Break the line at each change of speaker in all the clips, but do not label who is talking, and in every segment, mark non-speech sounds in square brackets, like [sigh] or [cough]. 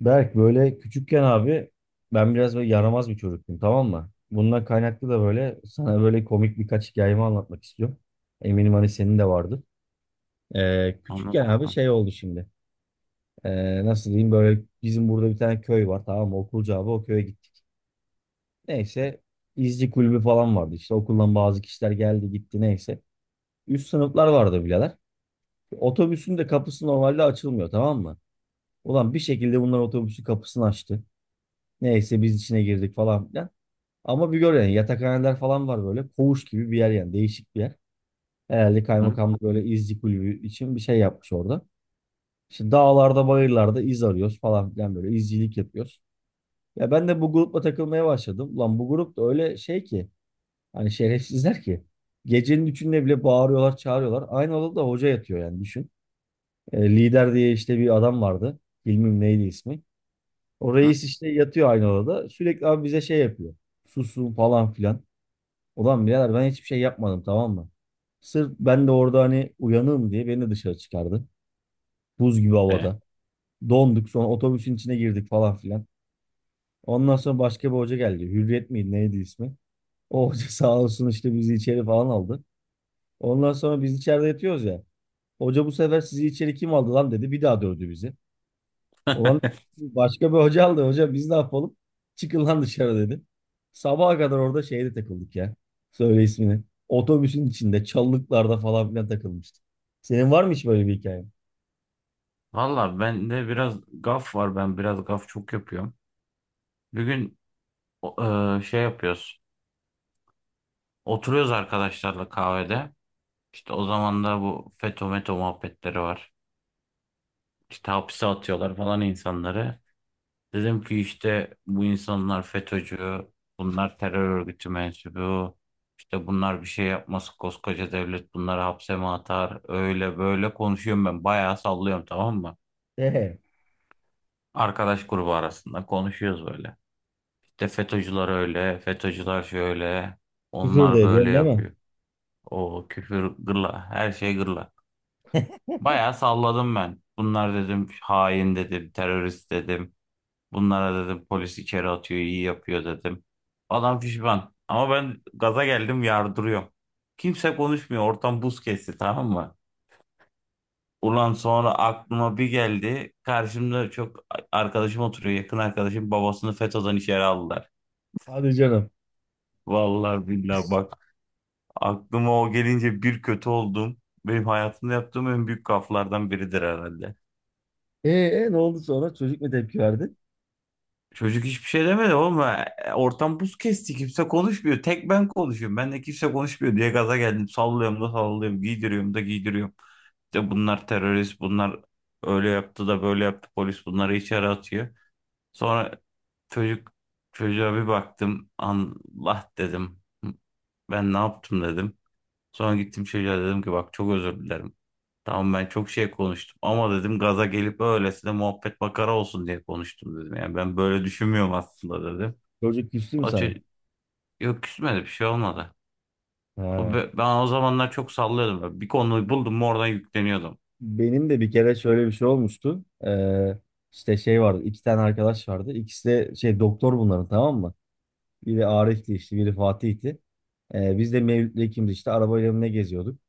Berk böyle küçükken abi ben biraz böyle yaramaz bir çocuktum, tamam mı? Bundan kaynaklı da böyle sana böyle komik birkaç hikayemi anlatmak istiyorum. Eminim hani senin de vardı. Küçükken
Anlat
abi
bakalım.
şey oldu şimdi. Nasıl diyeyim, böyle bizim burada bir tane köy var, tamam mı? Okulcu abi o köye gittik. Neyse, izci kulübü falan vardı işte, okuldan bazı kişiler geldi gitti neyse. Üst sınıflar vardı birader. Otobüsün de kapısı normalde açılmıyor, tamam mı? Ulan bir şekilde bunlar otobüsün kapısını açtı. Neyse biz içine girdik falan filan. Ama bir gör yani, yatakhaneler falan var böyle. Koğuş gibi bir yer yani, değişik bir yer. Herhalde
Hı?
kaymakamlık böyle izci kulübü için bir şey yapmış orada. İşte dağlarda bayırlarda iz arıyoruz falan filan, böyle izcilik yapıyoruz. Ya ben de bu grupla takılmaya başladım. Lan bu grup da öyle şey ki, hani şerefsizler ki. Gecenin üçünde bile bağırıyorlar çağırıyorlar. Aynı odada hoca yatıyor yani, düşün. Lider diye işte bir adam vardı. Bilmem neydi ismi. O
Hı?
reis işte yatıyor aynı odada. Sürekli abi bize şey yapıyor. Susun falan filan. Ulan birader ben hiçbir şey yapmadım, tamam mı? Sırf ben de orada hani uyanığım diye beni dışarı çıkardı. Buz gibi
E.
havada. Donduk, sonra otobüsün içine girdik falan filan. Ondan sonra başka bir hoca geldi. Hürriyet miydi neydi ismi? O hoca [laughs] sağ olsun işte bizi içeri falan aldı. Ondan sonra biz içeride yatıyoruz ya. Hoca bu sefer sizi içeri kim aldı lan dedi. Bir daha dövdü bizi. Ulan
[laughs]
başka bir hoca aldı. Hoca biz ne yapalım? Çıkın lan dışarı dedi. Sabaha kadar orada şeyde takıldık ya. Söyle ismini. Otobüsün içinde, çalılıklarda falan filan takılmıştık. Senin var mı hiç böyle bir hikaye?
Valla bende biraz gaf var. Ben biraz gaf çok yapıyorum. Bir gün o- şey yapıyoruz. Oturuyoruz arkadaşlarla kahvede. İşte o zaman da bu FETÖ METO muhabbetleri var. İşte hapse atıyorlar falan insanları. Dedim ki işte bu insanlar FETÖ'cü, bunlar terör örgütü mensubu. İşte bunlar bir şey yapması koskoca devlet bunları hapse mi atar? Öyle böyle konuşuyorum ben. Bayağı sallıyorum, tamam mı?
Ee,
Arkadaş grubu arasında konuşuyoruz böyle. İşte FETÖ'cüler öyle, FETÖ'cüler şöyle,
Küfür
onlar
de
böyle
ediyorsun değil mi?
yapıyor. O küfür gırla, her şey gırla. Bayağı salladım ben. Bunlar dedim hain dedim, terörist dedim. Bunlara dedim polis içeri atıyor, iyi yapıyor dedim. Adam pişman. Ama ben gaza geldim, yardırıyorum. Kimse konuşmuyor. Ortam buz kesti, tamam mı? Ulan sonra aklıma bir geldi. Karşımda çok arkadaşım oturuyor. Yakın arkadaşım babasını FETÖ'den içeri aldılar.
Hadi canım.
Vallahi billahi bak, aklıma o gelince bir kötü oldum. Benim hayatımda yaptığım en büyük gaflardan biridir herhalde.
Ne oldu sonra? Çocuk mu tepki verdi?
Çocuk hiçbir şey demedi oğlum. E, ortam buz kesti. Kimse konuşmuyor. Tek ben konuşuyorum. Ben de kimse konuşmuyor diye gaza geldim. Sallıyorum da sallıyorum. Giydiriyorum da giydiriyorum. İşte bunlar terörist. Bunlar öyle yaptı da böyle yaptı. Polis bunları içeri atıyor. Sonra çocuk, çocuğa bir baktım. Allah dedim. Ben ne yaptım dedim. Sonra gittim çocuğa dedim ki, bak çok özür dilerim. Tamam ben çok şey konuştum ama dedim, gaza gelip öylesine muhabbet makara olsun diye konuştum dedim. Yani ben böyle düşünmüyorum aslında dedim.
Çocuk küstü mü
O
sana?
ço- Yok, küsmedi, bir şey olmadı.
Ha.
Ben o zamanlar çok sallıyordum. Böyle bir konuyu buldum mu oradan yükleniyordum.
Benim de bir kere şöyle bir şey olmuştu. İşte şey vardı. İki tane arkadaş vardı. İkisi de şey doktor bunların, tamam mı? Biri Arif'ti işte, biri Fatih'ti. Biz de Mevlüt'le ikimiz işte arabayla mı ne geziyorduk.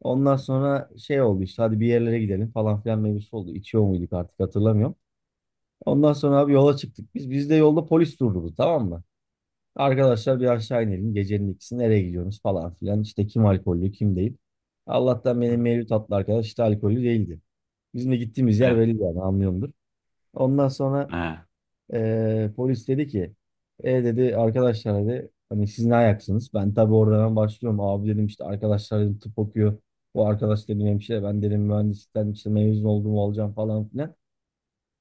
Ondan sonra şey oldu işte, hadi bir yerlere gidelim falan filan mevzusu oldu. İçiyor muyduk artık hatırlamıyorum. Ondan sonra abi yola çıktık. Biz de yolda polis durdurdu, tamam mı? Arkadaşlar bir aşağı inelim. Gecenin ikisi nereye gidiyorsunuz falan filan. İşte kim alkollü kim değil. Allah'tan
Hı.
benim Mevlüt adlı arkadaş işte alkollü değildi. Bizim de gittiğimiz yer
Eh,
belli yani, anlıyorumdur. Ondan sonra
eh.
polis dedi ki, e dedi arkadaşlar dedi, hani siz ne ayaksınız? Ben tabii oradan hemen başlıyorum. Abi dedim işte arkadaşlar dedim tıp okuyor. Bu arkadaş dedim hemşire, ben dedim mühendislikten işte mezun olduğumu alacağım falan filan.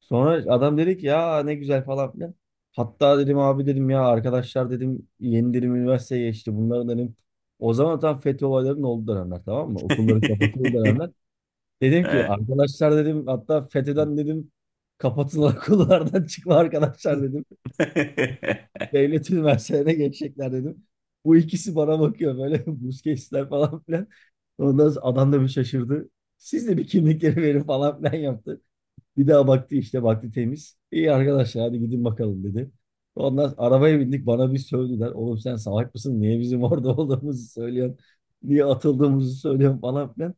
Sonra adam dedi ki ya ne güzel falan filan. Hatta dedim abi dedim ya arkadaşlar dedim yeni dedim üniversiteye geçti. Bunların dedim o zaman tam FETÖ olaylarının olduğu dönemler, tamam mı? Okulların kapatıldığı
[laughs]
dönemler. Dedim ki
Eh.
arkadaşlar dedim hatta FETÖ'den dedim kapatın okullardan [laughs] çıkma arkadaşlar dedim
[laughs]
devlet üniversitelerine geçecekler dedim. Bu ikisi bana bakıyor böyle [laughs] Busquets'ler falan filan. Ondan sonra adam da bir şaşırdı. Siz de bir kimlikleri verin falan filan yaptı. Bir daha baktı işte, baktı temiz. İyi arkadaşlar hadi gidin bakalım dedi. Ondan sonra arabaya bindik, bana bir sövdüler. Oğlum sen salak mısın? Niye bizim orada [laughs] olduğumuzu söylüyorsun? Niye atıldığımızı söylüyorsun falan filan.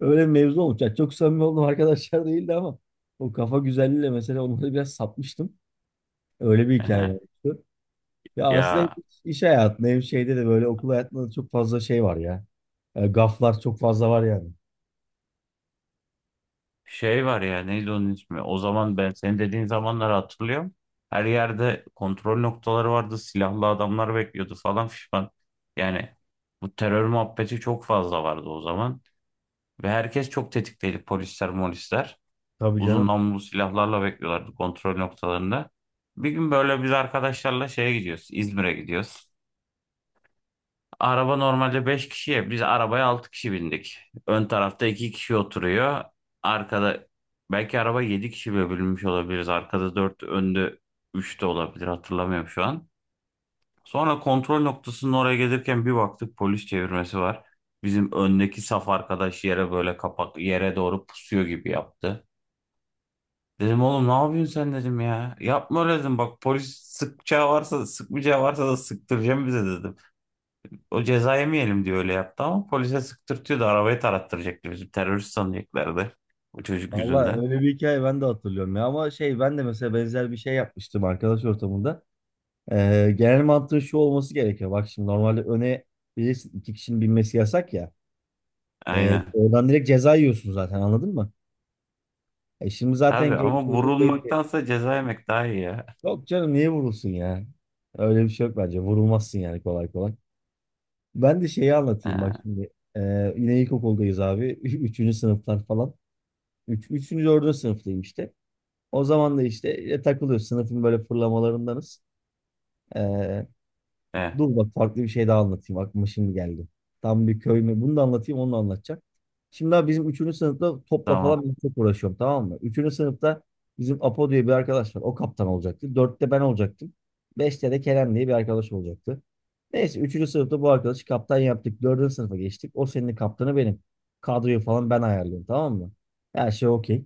Öyle bir mevzu olmuş. Yani çok samimi olduğum arkadaşlar [laughs] değildi ama o kafa güzelliğiyle mesela onları biraz satmıştım. Öyle bir hikaye
Eh.
var. Ya aslında hem
Ya,
iş hayatında hem şeyde de böyle okul hayatında da çok fazla şey var ya. Gaflar çok fazla var yani.
şey var ya, neydi onun ismi? O zaman ben senin dediğin zamanları hatırlıyorum. Her yerde kontrol noktaları vardı. Silahlı adamlar bekliyordu falan fişman. Yani bu terör muhabbeti çok fazla vardı o zaman. Ve herkes çok tetikteydi. Polisler, molisler.
Tabii
Uzun
canım.
namlulu silahlarla bekliyorlardı kontrol noktalarında. Bir gün böyle biz arkadaşlarla şeye gidiyoruz. İzmir'e gidiyoruz. Araba normalde 5 kişiye. Biz arabaya 6 kişi bindik. Ön tarafta 2 kişi oturuyor. Arkada belki araba 7 kişi bile bölünmüş olabiliriz. Arkada 4, önde 3 de olabilir. Hatırlamıyorum şu an. Sonra kontrol noktasının oraya gelirken bir baktık, polis çevirmesi var. Bizim öndeki saf arkadaş yere böyle kapak, yere doğru pusuyor gibi yaptı. Dedim oğlum ne yapıyorsun sen dedim ya. Yapma öyle dedim. Bak polis sıkacağı varsa sıkmayacağı varsa da sıktıracağım bize dedim. O ceza yemeyelim diye öyle yaptı ama polise sıktırtıyordu. Arabayı tarattıracaktı bizi. Terörist sanacaklardı. O çocuk
Valla
yüzünden.
öyle bir hikaye ben de hatırlıyorum ya, ama şey, ben de mesela benzer bir şey yapmıştım arkadaş ortamında. Genel mantığı şu olması gerekiyor. Bak şimdi normalde öne bilirsin iki kişinin binmesi yasak ya.
Aynen.
Oradan direkt ceza yiyorsun zaten, anladın mı? E şimdi zaten
Tabii ama
genç çocuk belli.
vurulmaktansa ceza yemek daha iyi ya.
Yok canım niye vurulsun ya? Öyle bir şey yok bence. Vurulmazsın yani, kolay kolay. Ben de şeyi anlatayım bak
Ha,
şimdi. Yine ilkokuldayız abi. [laughs] Üçüncü sınıflar falan. Üçüncü, dördüncü sınıftayım işte. O zaman da işte takılıyoruz. Sınıfın böyle fırlamalarındanız. Ee,
e,
Dur bak farklı bir şey daha anlatayım. Aklıma şimdi geldi. Tam bir köy mü? Bunu da anlatayım, onu da anlatacağım. Şimdi abi bizim üçüncü sınıfta topla falan
tamam.
ben çok uğraşıyorum, tamam mı? Üçüncü sınıfta bizim Apo diye bir arkadaş var. O kaptan olacaktı. Dörtte ben olacaktım. Beşte de Kerem diye bir arkadaş olacaktı. Neyse üçüncü sınıfta bu arkadaşı kaptan yaptık. Dördüncü sınıfa geçtik. O senin kaptanı benim. Kadroyu falan ben ayarlıyorum, tamam mı? Her şey okey.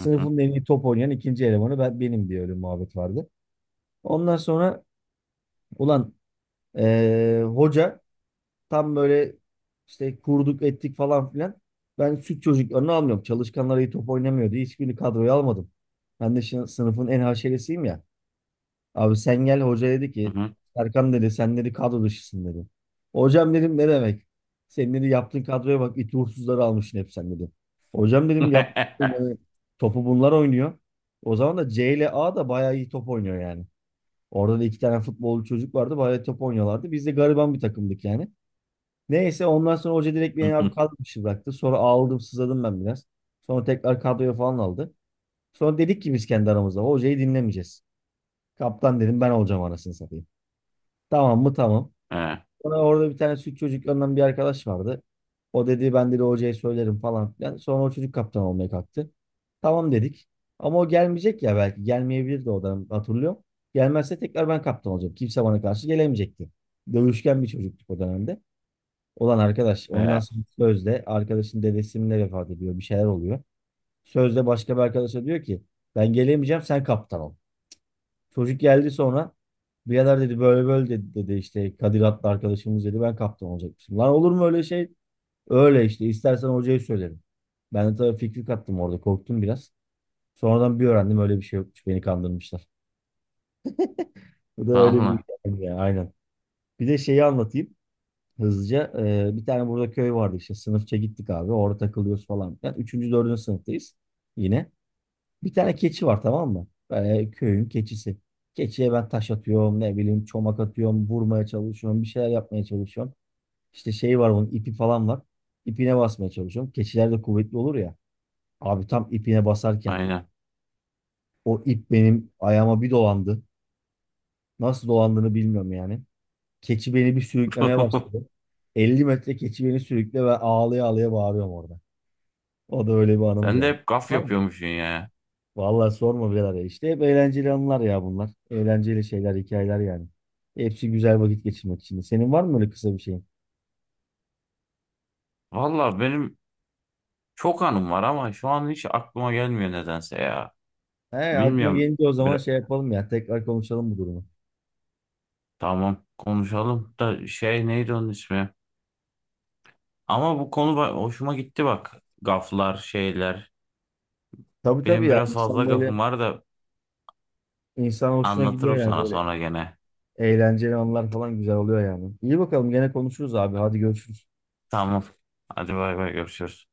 Hı hı,
en iyi top oynayan ikinci elemanı ben, benim diye öyle muhabbet vardı. Ondan sonra ulan hoca, tam böyle işte kurduk ettik falan filan. Ben süt çocuklarını almıyorum. Çalışkanlar iyi top oynamıyor diye hiçbirini kadroya almadım. Ben de şimdi sınıfın en haşeresiyim ya. Abi sen gel, hoca dedi
hı
ki
hı.
Serkan dedi sen dedi kadro dışısın dedi. Hocam dedim ne demek? Senin dedi yaptığın kadroya bak, iti uğursuzları almışsın hep sen dedi. Hocam dedim yap
[laughs]
yani, topu bunlar oynuyor. O zaman da C ile A da bayağı iyi top oynuyor yani. Orada da iki tane futbolcu çocuk vardı, bayağı top oynuyorlardı. Biz de gariban bir takımdık yani. Neyse ondan sonra hoca direkt
Hı
beni abi
hı,
kadro dışı bıraktı. Sonra ağladım sızladım ben biraz. Sonra tekrar kadroya falan aldı. Sonra dedik ki biz kendi aramızda hocayı dinlemeyeceğiz. Kaptan dedim ben olacağım, anasını satayım. Tamam mı tamam.
e,
Sonra orada bir tane süt çocuklarından bir arkadaş vardı. O dedi ben de hocaya söylerim falan filan. Sonra o çocuk kaptan olmaya kalktı. Tamam dedik. Ama o gelmeyecek ya belki. Gelmeyebilir de, o da hatırlıyorum. Gelmezse tekrar ben kaptan olacağım. Kimse bana karşı gelemeyecekti. Dövüşken bir çocuktuk o dönemde olan arkadaş, ondan
e.
sonra sözde arkadaşın dedesinin de vefat ediyor. Bir şeyler oluyor. Sözde başka bir arkadaşa diyor ki ben gelemeyeceğim sen kaptan ol. Çocuk geldi sonra, birader dedi böyle böyle dedi, dedi işte Kadir adlı arkadaşımız dedi ben kaptan olacakmışım. Lan olur mu öyle şey? Öyle işte, istersen hocayı söylerim. Ben de tabii fikri kattım orada, korktum biraz. Sonradan bir öğrendim, öyle bir şey yokmuş, beni kandırmışlar. Bu da öyle bir
Vallahi.
hikaye ya aynen. Bir de şeyi anlatayım hızlıca. Bir tane burada köy vardı işte, sınıfça gittik abi, orada takılıyoruz falan. Yani üçüncü dördüncü sınıftayız yine. Bir tane keçi var, tamam mı? Köyün keçisi. Keçiye ben taş atıyorum, ne bileyim çomak atıyorum, vurmaya çalışıyorum, bir şeyler yapmaya çalışıyorum. İşte şey var, bunun ipi falan var. İpine basmaya çalışıyorum. Keçiler de kuvvetli olur ya. Abi tam ipine basarken
Aynen.
o ip benim ayağıma bir dolandı. Nasıl dolandığını bilmiyorum yani. Keçi beni bir sürüklemeye başladı.
[laughs]
50 metre keçi beni sürükle ve ağlaya ağlaya bağırıyorum orada. O da öyle bir anımdı
Sen de
yani.
hep gaf
Var mı?
yapıyormuşsun ya.
Vallahi sorma birader ya. İşte hep eğlenceli anılar ya bunlar. Eğlenceli şeyler, hikayeler yani. Hepsi güzel vakit geçirmek için. Senin var mı öyle kısa bir şeyin?
Valla benim çok anım var ama şu an hiç aklıma gelmiyor nedense ya.
He, aklına
Bilmiyorum.
gelince o zaman
Bir...
şey yapalım ya. Tekrar konuşalım bu durumu.
Tamam konuşalım da şey, neydi onun ismi? Ama bu konu hoşuma gitti bak. Gaflar, şeyler.
Tabii tabii
Benim
ya.
biraz fazla
İnsan böyle
gafım var da
insan hoşuna gidiyor
anlatırım
yani
sana
böyle.
sonra gene.
Eğlenceli anılar falan güzel oluyor yani. İyi bakalım, gene konuşuruz abi. Hadi görüşürüz.
Tamam. Hadi bay bay, görüşürüz.